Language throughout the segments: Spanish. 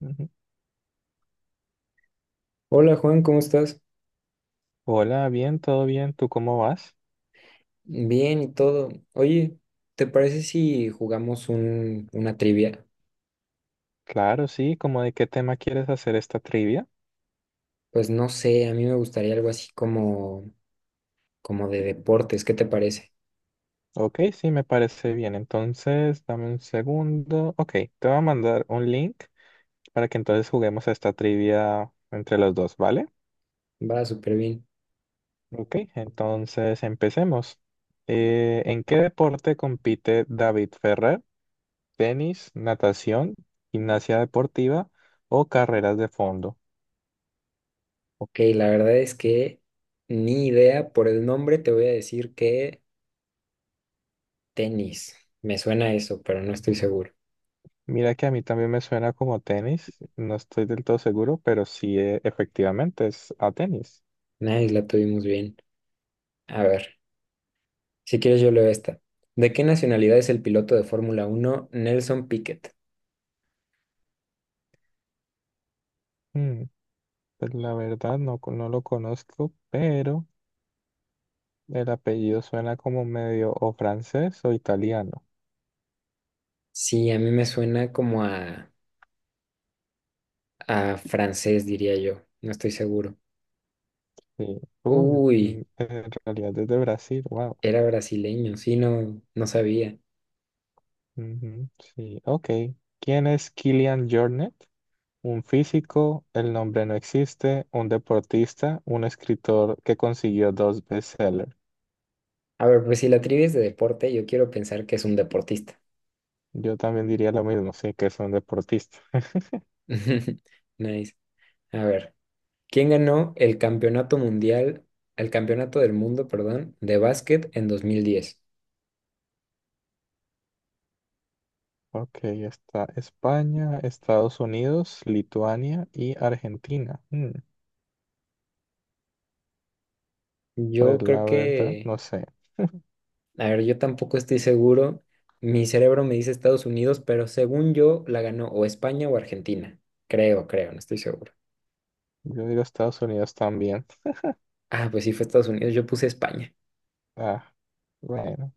Ujú. Hola Juan, ¿cómo estás? Hola, bien, todo bien, ¿tú cómo vas? Bien y todo. Oye, ¿te parece si jugamos una trivia? Claro, sí, ¿cómo de qué tema quieres hacer esta trivia? Pues no sé, a mí me gustaría algo así como de deportes, ¿qué te parece? Ok, sí, me parece bien, entonces dame un segundo. Ok, te voy a mandar un link para que entonces juguemos a esta trivia entre los dos, ¿vale? Va súper bien. Ok, entonces empecemos. ¿En qué deporte compite David Ferrer? ¿Tenis, natación, gimnasia deportiva o carreras de fondo? Ok, la verdad es que ni idea, por el nombre te voy a decir que tenis. Me suena a eso, pero no estoy seguro. Mira que a mí también me suena como tenis, no estoy del todo seguro, pero sí, efectivamente es a tenis. Nice, la tuvimos bien. A ver, si quieres yo leo esta. ¿De qué nacionalidad es el piloto de Fórmula uno Nelson Piquet? Mm, pues la verdad no, no lo conozco, pero el apellido suena como medio o francés o italiano. Sí, a mí me suena como a francés, diría yo. No estoy seguro. Sí. Uy, mm, Uy, en realidad es de Brasil, wow. era brasileño. Sí, no, no sabía. Ujú, sí, ok. ¿Quién es Kylian Jornet? Un físico, el nombre no existe, un deportista, un escritor que consiguió dos bestsellers. A ver, pues si la trivia es de deporte, yo quiero pensar que es un deportista. Yo también diría lo mismo, sí, que son deportistas. Nice. A ver, ¿quién ganó el campeonato mundial, el campeonato del mundo, perdón, de básquet en 2010? Ok, está España, Estados Unidos, Lituania y Argentina. Mm, pues Yo creo la verdad, que, no sé. a ver, yo tampoco estoy seguro. Mi cerebro me dice Estados Unidos, pero según yo la ganó o España o Argentina. Creo, creo, no estoy seguro. Yo digo Estados Unidos también. Ah, pues sí fue Estados Unidos, yo puse España. Ah, bueno.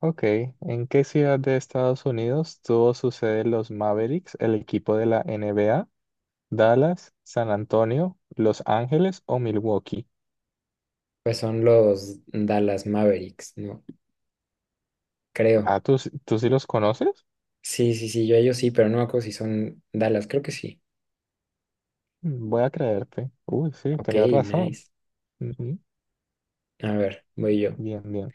Ok, ¿en qué ciudad de Estados Unidos tuvo su sede los Mavericks, el equipo de la NBA? ¿Dallas, San Antonio, Los Ángeles o Milwaukee? Pues son los Dallas Mavericks, ¿no? Creo. Ah, ¿tú sí los conoces? Sí, sí, sí, yo a ellos sí, pero no me acuerdo si son Dallas, creo que sí. Mm, voy a creerte. Uy, sí, Ok, tenías razón. nice. Ujú. A ver, voy yo. Bien, bien.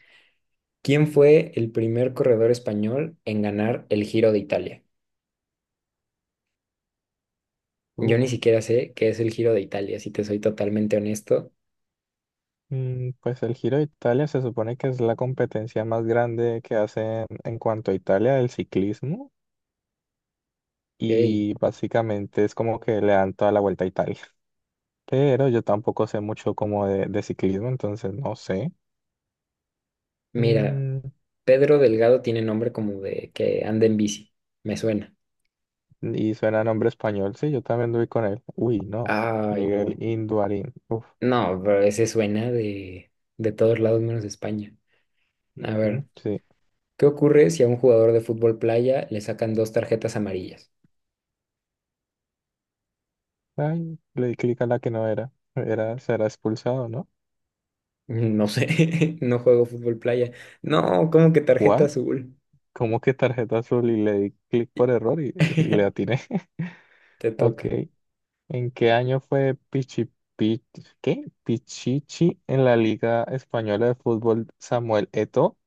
¿Quién fue el primer corredor español en ganar el Giro de Italia? Yo ni Uf, siquiera sé qué es el Giro de Italia, si te soy totalmente honesto. mm, pues el Giro de Italia se supone que es la competencia más grande que hacen en cuanto a Italia del ciclismo Ok, y básicamente es como que le dan toda la vuelta a Italia. Pero yo tampoco sé mucho como de ciclismo, entonces no sé. mira, Mm, Pedro Delgado tiene nombre como de que anda en bici, me suena. y suena nombre español, sí, yo también doy con él. Uy, no, Ay, Miguel no. Induarín. Uf, No, pero ese suena de todos lados menos de España. A ujú, ver. sí. ¿Qué ocurre si a un jugador de fútbol playa le sacan dos tarjetas amarillas? Ay, le di clic a la que no era. Era, será expulsado, ¿no? No sé, no juego fútbol playa. No, ¿cómo que tarjeta azul? ¿Cómo que tarjeta azul? Y le di clic por error y le atiné. Te Ok. toca. ¿En qué año fue Pichi, Pi- ¿qué? Pichichi en la Liga Española de Fútbol Samuel Eto'o?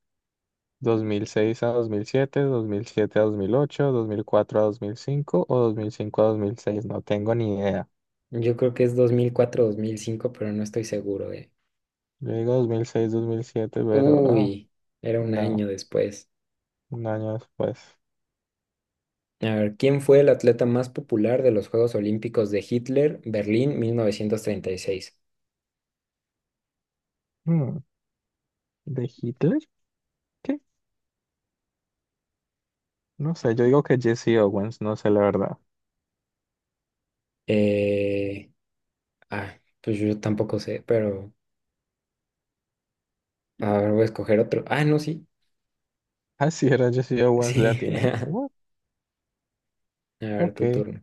¿2006 a 2007, 2007 a 2008, 2004 a 2005 o 2005 a 2006? No tengo ni idea. Yo creo que es 2004, 2005, pero no estoy seguro, eh. Yo digo 2006, 2007, pero ah, Uy, era un año no, después. un año después. A ver, ¿quién fue el atleta más popular de los Juegos Olímpicos de Hitler, Berlín, 1936? Hmm. ¿De Hitler? ¿Qué? No sé, yo digo que Jesse Owens, no sé la verdad. Eh, ah, pues yo tampoco sé, pero a ver, voy a escoger otro. Ah, no, sí. Así era, yo sí, yo once le Sí. atiné. What? A ver, tu Ok. turno.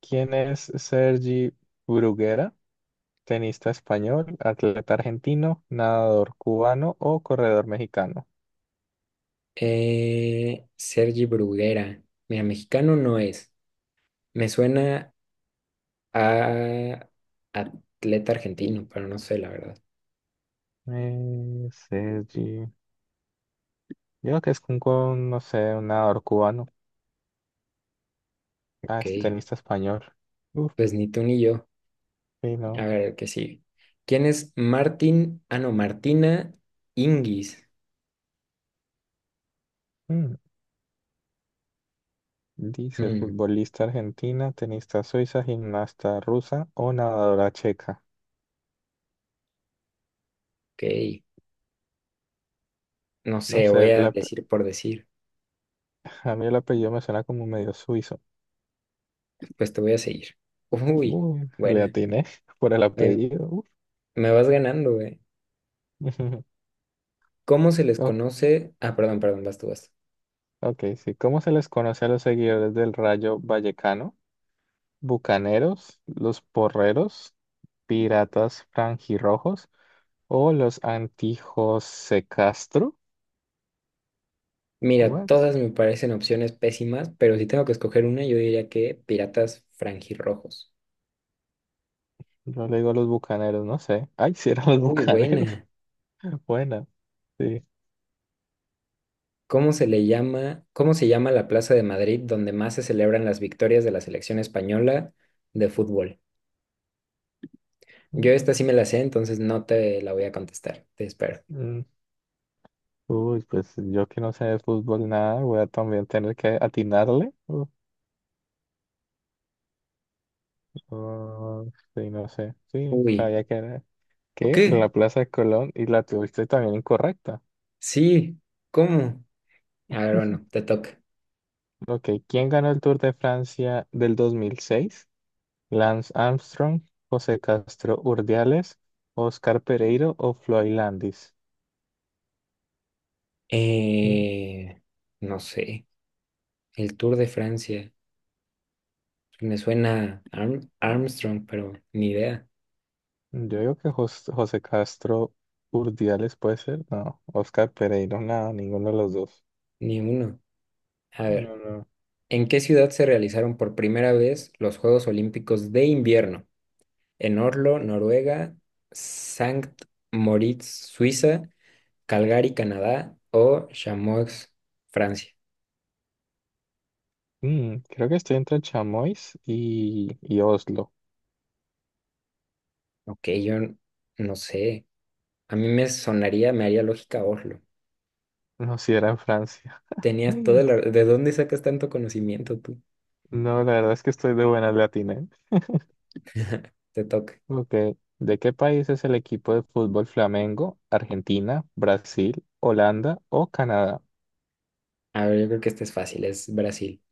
¿Quién es Sergi Bruguera? Tenista español, atleta argentino, nadador cubano o corredor mexicano. Sergi Bruguera. Mira, mexicano no es. Me suena a atleta argentino, pero no sé, la verdad. Sergi. Yo creo que es un, con, no sé, un nadador cubano. Ah, es Ok. tenista español. Uf, Pues ni tú ni yo. sí, A no. ver, el que sigue. ¿Quién es Martín? Ah, no, Martina Ingis. Mm. Dice Hmm, futbolista argentina, tenista suiza, gimnasta rusa o nadadora checa. ok. No No sé, sé, voy a decir por decir. a mí el apellido me suena como medio suizo. Pues te voy a seguir. Uy, Le buena. atiné por el Oye, apellido. Uh. me vas ganando, güey. ¿Cómo se les O- conoce? Ah, perdón, perdón, vas tú, vas tú. Ok, sí. ¿Cómo se les conoce a los seguidores del Rayo Vallecano? ¿Bucaneros, los porreros, piratas franjirrojos o los antijos Castro? Mira, What? todas me parecen opciones pésimas, pero si tengo que escoger una, yo diría que Piratas Franjirrojos. Yo le digo los bucaneros, no sé. Ay, si eran los Uy, bucaneros. buena. Buena, sí. ¿Cómo se le llama, cómo se llama la Plaza de Madrid donde más se celebran las victorias de la selección española de fútbol? Yo esta sí me la sé, entonces no te la voy a contestar. Te espero. Mm, uy, pues yo que no sé de fútbol nada, voy a también tener que atinarle. Ah, sí, no sé. Sí, Uy. sabía que era. ¿Ok? Que la Plaza de Colón y la tuviste también incorrecta. Sí. ¿Cómo? A ver, bueno, te toca. Ok, ¿quién ganó el Tour de Francia del 2006? ¿Lance Armstrong, José Castro Urdiales, Oscar Pereiro o Floyd Landis? Mm, Eh, no sé. El Tour de Francia. Me suena Armstrong, pero ni idea. yo digo que José Castro Urdiales puede ser, no, Oscar Pereiro, nada, ninguno de los dos. Ni uno. A ver, No, no. ¿en qué ciudad se realizaron por primera vez los Juegos Olímpicos de invierno? En Oslo, Noruega, Sankt Moritz, Suiza, Calgary, Canadá o Chamonix, Francia. Mm, creo que estoy entre Chamois y Oslo. Ok, no sé. A mí me sonaría, me haría lógica Oslo. No, si era en Francia. Tenías toda la. ¿De dónde sacas tanto conocimiento tú? No, la verdad es que estoy de buena latina. Te toca. Ok. ¿De qué país es el equipo de fútbol Flamengo? ¿Argentina, Brasil, Holanda o Canadá? A ver, yo creo que este es fácil, es Brasil.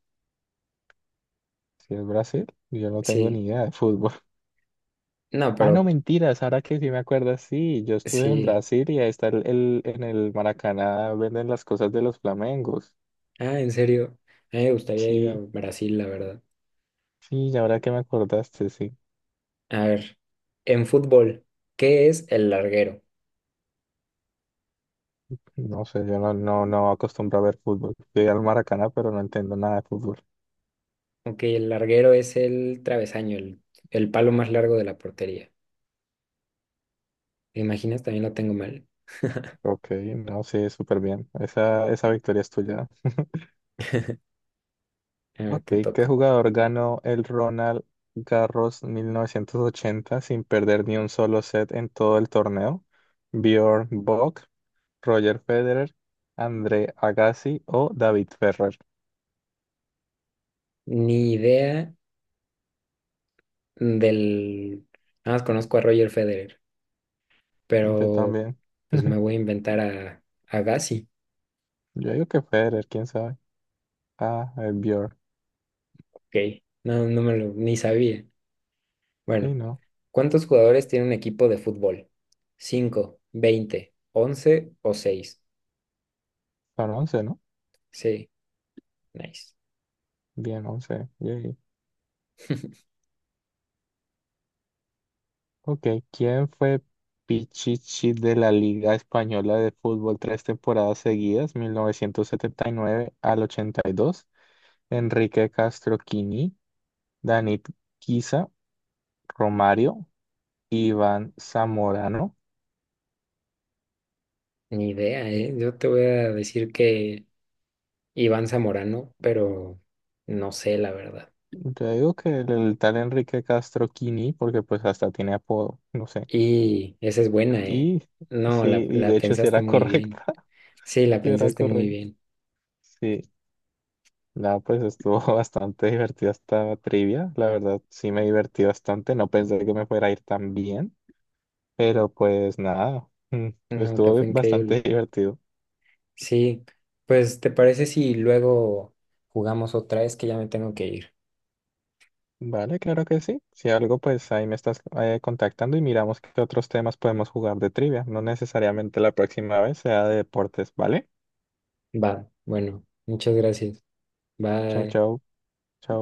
Si es Brasil, yo no tengo Sí. ni idea de fútbol. No, Ah, no, pero mentiras, ahora que sí me acuerdo, sí, yo estuve en sí. Brasil y ahí está en el Maracaná venden las cosas de los flamencos. Ah, en serio. A mí me gustaría ir a Sí, Brasil, la verdad. sí, y ahora que me acordaste, sí. A ver, en fútbol, ¿qué es el larguero? No sé, yo no, no, no acostumbro a ver fútbol. Llegué al Maracaná, pero no entiendo nada de fútbol. Ok, el larguero es el travesaño, el palo más largo de la portería. ¿Te imaginas? También lo tengo mal. Ok, no, sí, súper bien. Esa victoria es tuya. A ver, Ok, te ¿qué toca. jugador ganó el Ronald Garros 1980 sin perder ni un solo set en todo el torneo? ¿Bjorn Borg, Roger Federer, André Agassi o David Ferrer? Ni idea del. Nada más conozco a Roger Federer, Yo pero también. pues me voy a inventar a Gassi. Yo digo que Federer, quién sabe. Ah, el Bjorn. Ok, no, no me lo, ni sabía. Bueno, Sí, no. ¿cuántos jugadores tiene un equipo de fútbol? ¿Cinco, 20, 11 o seis? Son once, ¿no? Sí, nice. Bien, 11. Yay. Ok, ¿quién fue Pichichi de la Liga Española de Fútbol tres temporadas seguidas, 1979 al 82? Enrique Castroquini, Danit Guisa, Romario, Iván Zamorano. Ni idea, ¿eh? Yo te voy a decir que Iván Zamorano, pero no sé la verdad. Yo digo que el tal Enrique Castroquini, porque pues hasta tiene apodo, no sé. Y esa es buena, ¿eh? Y No, sí, y la de hecho sí pensaste era muy bien. correcta, Sí, la sí era pensaste muy correcta. bien. Sí, no, pues estuvo bastante divertida esta trivia, la verdad sí me divertí bastante, no pensé que me fuera a ir tan bien, pero pues nada, mm, No, te estuvo fue bastante increíble. divertido. Sí, pues ¿te parece si luego jugamos otra vez que ya me tengo que ir? Vale, claro que sí. Si algo, pues ahí me estás contactando y miramos qué otros temas podemos jugar de trivia. No necesariamente la próxima vez sea de deportes, ¿vale? Va, bueno, muchas gracias. Chau, Bye. chau, chau.